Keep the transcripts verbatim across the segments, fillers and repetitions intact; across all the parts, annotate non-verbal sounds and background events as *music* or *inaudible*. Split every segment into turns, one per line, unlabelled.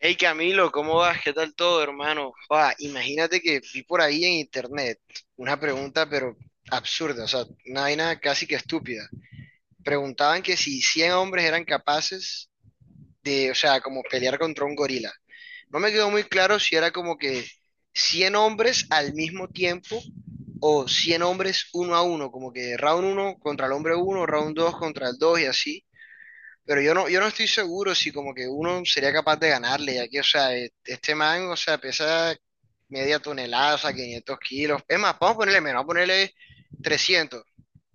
Hey Camilo, ¿cómo vas? ¿Qué tal todo, hermano? Ah, imagínate que vi por ahí en internet una pregunta, pero absurda, o sea, una vaina casi que estúpida. Preguntaban que si cien hombres eran capaces de, o sea, como pelear contra un gorila. No me quedó muy claro si era como que cien hombres al mismo tiempo o cien hombres uno a uno, como que round uno contra el hombre uno, round dos contra el dos y así. Pero yo no, yo no estoy seguro si como que uno sería capaz de ganarle, ya que, o sea, e- este man, o sea, pesa media tonelada, o sea, 500 kilos. Es más, vamos a ponerle menos, vamos a ponerle trescientos.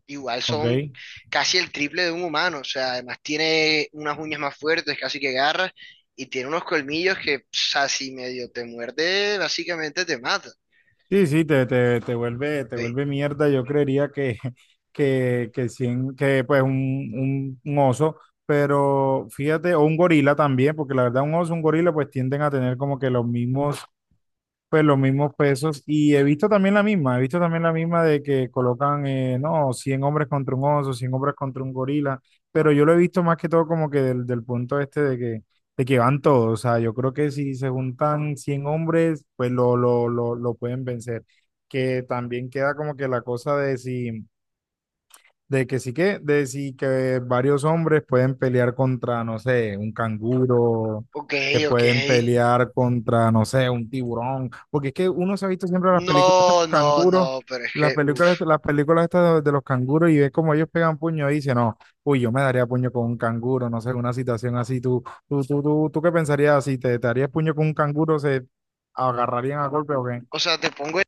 Igual son
Ok.
casi el triple de un humano, o sea, además tiene unas uñas más fuertes, casi que garras, y tiene unos colmillos que, o sea, si medio te muerde, básicamente te mata.
Sí, sí, te, te, te vuelve, te
Ey,
vuelve mierda. Yo creería que, *laughs* que, que, cien- que pues un, un, un oso, pero fíjate, o un gorila también, porque la verdad un oso, un gorila, pues tienden a tener como que los mismos Pues los mismos pesos. Y he visto también la misma, he visto también la misma de que colocan, eh, no, cien hombres contra un oso, cien hombres contra un gorila, pero yo lo he visto más que todo como que del, del punto este de que, de que van todos. O sea, yo creo que si se juntan cien hombres, pues lo, lo, lo, lo pueden vencer. Que también queda como que la cosa de si... De que sí que, de sí que varios hombres pueden pelear contra, no sé, un canguro,
ok,
que
ok.
pueden pelear contra, no sé, un tiburón. Porque es que uno se ha visto siempre las películas de
No,
los
no,
canguros,
no, pero es
las
que, uff.
películas, las películas estas de, de los canguros y ve como ellos pegan puño y dice, no, uy, yo me daría puño con un canguro, no sé, una situación así. ¿Tú, tú, tú, tú, tú qué pensarías? Si te, te harías puño con un canguro, ¿se agarrarían a golpe o qué?
O sea, te pongo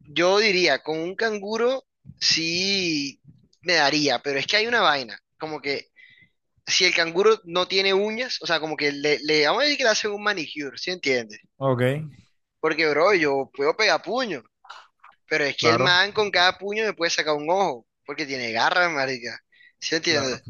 yo diría, con un canguro sí me daría, pero es que hay una vaina, como que si el canguro no tiene uñas, o sea, como que le, le vamos a decir que le hacen un manicure, ¿sí entiendes?
Ok,
Porque, bro, yo puedo pegar puño, pero es que el
claro,
man con cada puño me puede sacar un ojo, porque tiene garras, marica. ¿Sí entiendes?
claro.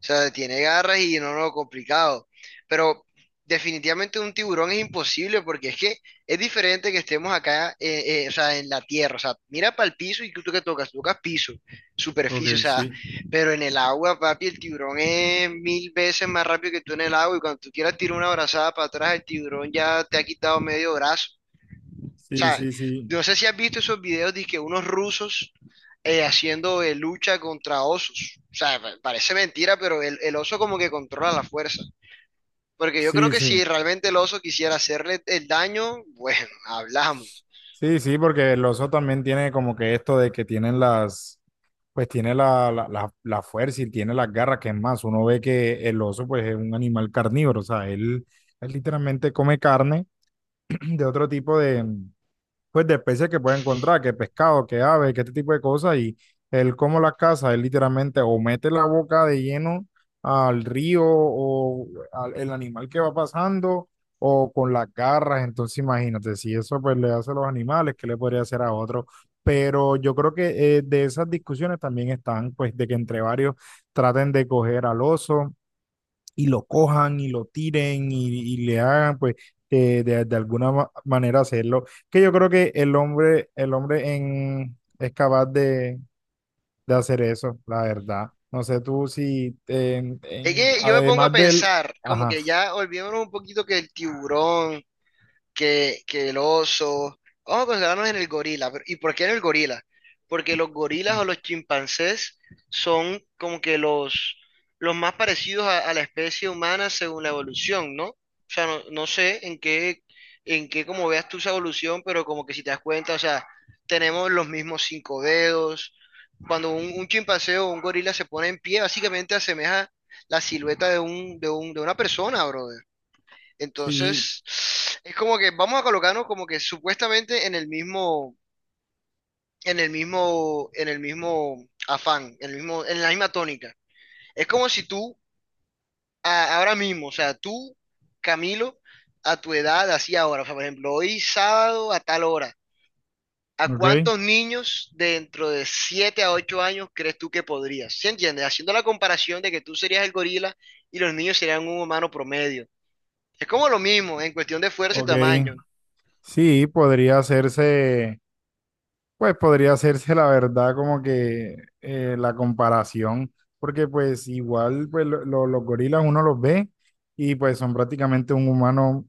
O sea, tiene garras y no, no, complicado. Pero definitivamente un tiburón es imposible porque es que es diferente que estemos acá, eh, eh, o sea, en la tierra. O sea, mira para el piso y tú que tocas, tocas piso, superficie, o
Ok,
sea,
sí,
pero en el agua, papi, el tiburón es mil veces más rápido que tú en el agua y cuando tú quieras tirar una brazada para atrás, el tiburón ya te ha quitado medio brazo. O
sí,
sea,
sí, sí.
no sé si has visto esos videos de que unos rusos eh, haciendo eh, lucha contra osos. O sea, pa- parece mentira, pero el, el oso como que controla la fuerza. Porque yo creo
Sí,
que
sí.
si realmente el oso quisiera hacerle el daño, bueno, *laughs* hablamos.
Sí, sí, porque el oso también tiene como que esto de que tienen las, pues tiene la, la, la, la fuerza y tiene las garras, que es más, uno ve que el oso pues es un animal carnívoro, o sea, él, él literalmente come carne *clears throat* de otro tipo de, pues de especies que puede encontrar, que pescado, que ave, que este tipo de cosas, y él como las caza, él literalmente o mete la boca de lleno al río o al el animal que va pasando o con las garras, entonces imagínate, si eso pues le hace a los animales, ¿qué le podría hacer a otro? Pero yo creo que eh, de esas discusiones también están, pues, de que entre varios traten de coger al oso y lo cojan y lo tiren y, y le hagan, pues, eh, de, de alguna ma- manera hacerlo. Que yo creo que el hombre, el hombre en, es capaz de, de hacer eso, la verdad. No sé tú si, en-
Es
en-
que yo me pongo a
además del,
pensar, como
ajá,
que ya olvidémonos un poquito que el tiburón, que, que el oso. Vamos a concentrarnos en el gorila. pero- ¿Y por qué en el gorila? Porque los gorilas o los chimpancés son como que los, los más parecidos a, a la especie humana según la evolución, ¿no? No, no sé en qué, en qué como veas tú esa evolución, pero como que si te das cuenta, o sea, tenemos los mismos cinco dedos. Cuando un, un chimpancé o un gorila se pone en pie, básicamente asemeja la silueta de un, de un, de una persona, brother.
sí,
Entonces, es como que vamos a colocarnos como que supuestamente en el mismo, en el mismo, en el mismo afán, en el mismo, en la misma tónica. Es como si tú, a- ahora mismo, o sea, tú, Camilo, a tu edad, así ahora, o sea, por ejemplo, hoy sábado a tal hora, ¿a
ok,
cuántos niños dentro de siete a ocho años crees tú que podrías? ¿Sí entiendes? Haciendo la comparación de que tú serías el gorila y los niños serían un humano promedio. Es como lo mismo en cuestión de fuerza y tamaño.
ok, sí, podría hacerse. Pues podría hacerse la verdad como que eh, la comparación, porque pues igual pues, lo- lo- los gorilas uno los ve y pues son prácticamente un humano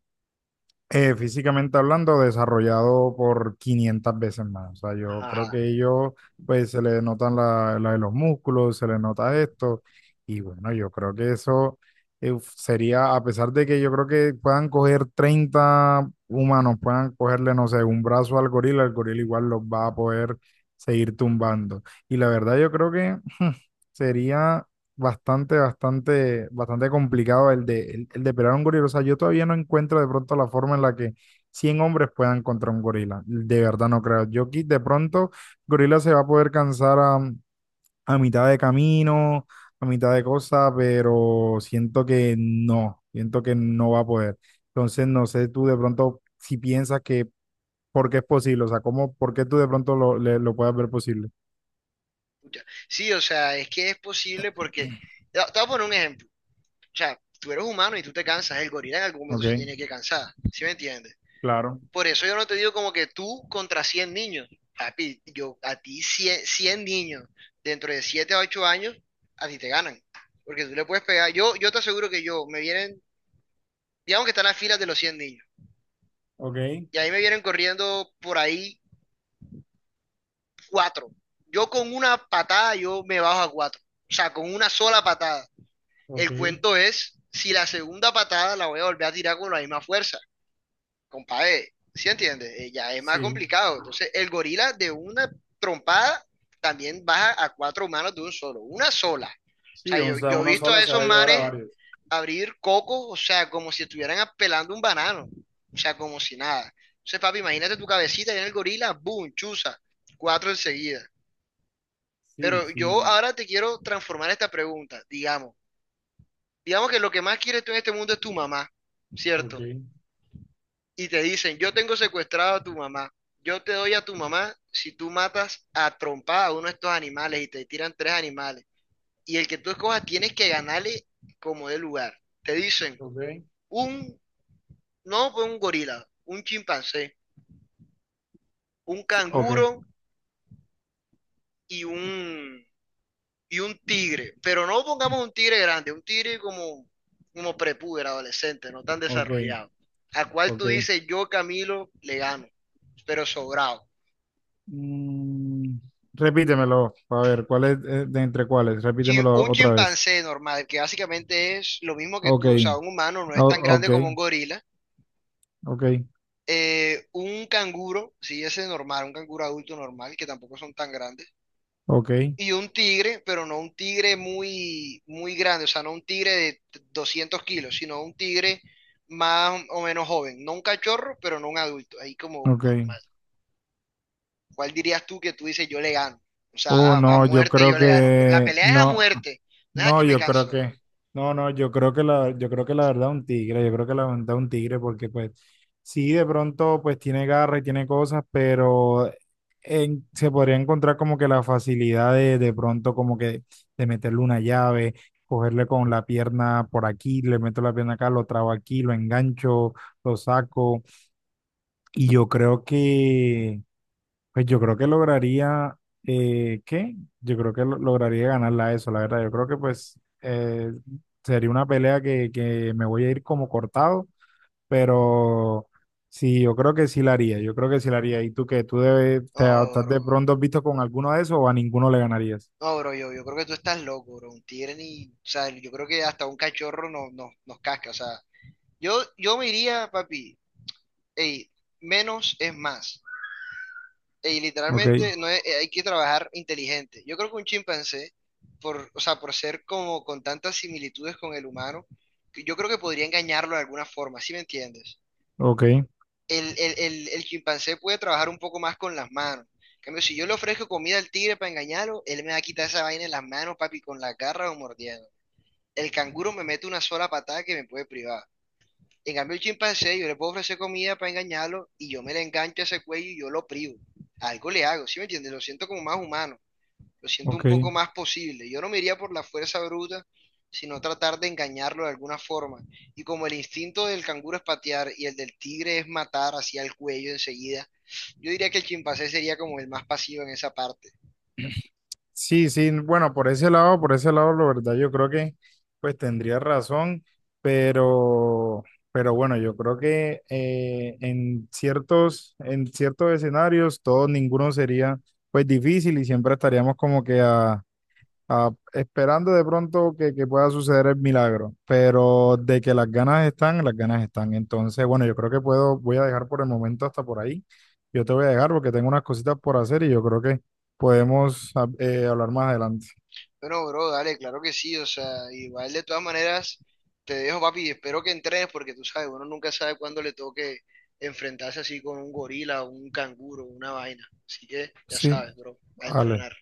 eh, físicamente hablando, desarrollado por quinientas veces más. O sea, yo creo
Ajá.
que ellos, pues se le notan la, la de los músculos, se le nota esto. Y bueno, yo creo que eso eh, sería, a pesar de que yo creo que puedan coger treinta humanos, puedan cogerle, no sé, un brazo al gorila, el gorila igual los va a poder seguir tumbando. Y la verdad, yo creo que *laughs* sería bastante, bastante, bastante complicado el de, el, el de pelear a un gorila. O sea, yo todavía no encuentro de pronto la forma en la que cien hombres puedan contra un gorila. De verdad no creo. Yo aquí de pronto, gorila se va a poder cansar a, a mitad de camino, a mitad de cosa, pero siento que no, siento que no va a poder. Entonces, no sé tú de pronto si piensas que, ¿por qué es posible? O sea, ¿cómo, por qué tú de pronto lo, le- lo puedas ver posible?
Pucha. Sí, o sea, es que es posible porque, te te voy a poner un ejemplo, o sea, tú eres humano y tú te cansas, el gorila en algún momento
Ok,
se tiene que cansar, ¿sí me entiendes?
claro,
Por eso yo no te digo como que tú contra cien niños, papi, yo a ti cien cien niños dentro de siete a ocho años, a ti te ganan, porque tú le puedes pegar, yo, yo te aseguro que yo, me vienen, digamos que están las filas de los cien niños,
ok,
y ahí me vienen corriendo por ahí cuatro yo con una patada yo me bajo a cuatro o sea, con una sola patada.
ok,
El cuento es si la segunda patada la voy a volver a tirar con la misma fuerza, compadre. ¿Sí entiendes? Eh, ya es más
sí.
complicado. Entonces, el gorila de una trompada también baja a cuatro manos de un solo, una sola. O
Sí,
sea,
o
yo,
sea,
yo he
una
visto
sola
a
se
esos
va a llevar a
manes
varias.
abrir cocos, o sea, como si estuvieran pelando un banano, o sea, como si nada. Entonces, papi, imagínate tu cabecita y en el gorila, boom, chuza, cuatro enseguida.
Sí,
Pero yo
sí.
ahora te quiero transformar esta pregunta, digamos. Digamos que lo que más quieres tú en este mundo es tu mamá,
Ok,
¿cierto? Y te dicen, yo tengo secuestrado a tu mamá, yo te doy a tu mamá si tú matas a trompada a uno de estos animales y te tiran tres animales. Y el que tú escojas tienes que ganarle como de lugar. Te dicen,
ok.
un, no, pues un gorila, un chimpancé, un
Sí, ok,
canguro y un, y un tigre, pero no pongamos un tigre grande, un tigre como, como prepúber, adolescente, no tan
ok,
desarrollado, a cual tú
ok.
dices, yo Camilo le gano, pero sobrado.
Mm, repítemelo, a ver, ¿cuál es eh, de entre cuáles?
Chi-
Repítemelo
Un
otra vez.
chimpancé normal, que básicamente es lo mismo que
Ok,
tú, o sea, un humano no es
o-
tan grande
ok,
como un gorila.
ok,
Eh, un canguro, sí, ese es normal, un canguro adulto normal, que tampoco son tan grandes.
ok,
Y un tigre, pero no un tigre muy, muy grande, o sea, no un tigre de t- doscientos kilos, sino un tigre más o menos joven. No un cachorro, pero no un adulto, ahí como
ok.
normal. ¿Cuál dirías tú que tú dices yo le gano? O
Oh,
sea, a, a
no, yo
muerte
creo
yo le gano, pero la
que
pelea es a
no.
muerte, no es a
No,
que me
yo creo
canso.
que, no, no, yo creo que la, yo creo que la verdad un tigre, yo creo que la verdad un tigre, porque pues sí, de pronto pues tiene garra y tiene cosas, pero en- se podría encontrar como que la facilidad de de pronto como que de meterle una llave, cogerle con la pierna por aquí, le meto la pierna acá, lo trabo aquí, lo engancho, lo saco, y yo creo que pues yo creo que lograría, eh, ¿qué? Yo creo que lo- lograría ganarla a eso, la verdad. Yo creo que pues eh, sería una pelea que, que me voy a ir como cortado, pero sí, yo creo que sí la haría, yo creo que sí la haría. ¿Y tú qué? ¿Tú debes,
No,
te estás de
bro.
pronto visto con alguno de esos o a ninguno le ganarías?
No, bro, yo, yo creo que tú estás loco, bro. Un tigre ni, o sea, yo creo que hasta un cachorro no, no- nos casca, o sea, yo, yo me iría, papi, ey, menos es más. Y
Ok,
literalmente no es- eh, hay que trabajar inteligente. Yo creo que un chimpancé, por, o sea, por ser como con tantas similitudes con el humano, que yo creo que podría engañarlo de alguna forma, ¿sí me entiendes?
ok,
El, el, el, el chimpancé puede trabajar un poco más con las manos. En cambio, si yo le ofrezco comida al tigre para engañarlo, él me va a quitar esa vaina en las manos, papi, con la garra o mordiendo. El canguro me mete una sola patada que me puede privar. En cambio, el chimpancé, yo le puedo ofrecer comida para engañarlo y yo me le engancho a ese cuello y yo lo privo. Algo le hago, ¿sí me entiendes? Lo siento como más humano, lo siento un
ok.
poco más posible. Yo no me iría por la fuerza bruta, sino tratar de engañarlo de alguna forma. Y como el instinto del canguro es patear y el del tigre es matar hacia el cuello enseguida, yo diría que el chimpancé sería como el más pasivo en esa parte.
Sí, sí, bueno, por ese lado, por ese lado, la verdad, yo creo que pues tendría razón, pero, pero bueno, yo creo que eh, en ciertos, en ciertos escenarios, todo, ninguno sería pues difícil y siempre estaríamos como que a, ah, esperando de pronto que, que pueda suceder el milagro, pero de que las ganas están, las ganas están. Entonces, bueno, yo creo que puedo, voy a dejar por el momento hasta por ahí. Yo te voy a dejar porque tengo unas cositas por hacer y yo creo que podemos ah, eh, hablar más adelante.
Bueno, bro, dale, claro que sí, o sea, igual de todas maneras, te dejo, papi, espero que entrenes porque tú sabes, uno nunca sabe cuándo le toque enfrentarse así con un gorila, un canguro, una vaina. Así que ya
Sí,
sabes, bro, a
vale.
entrenar.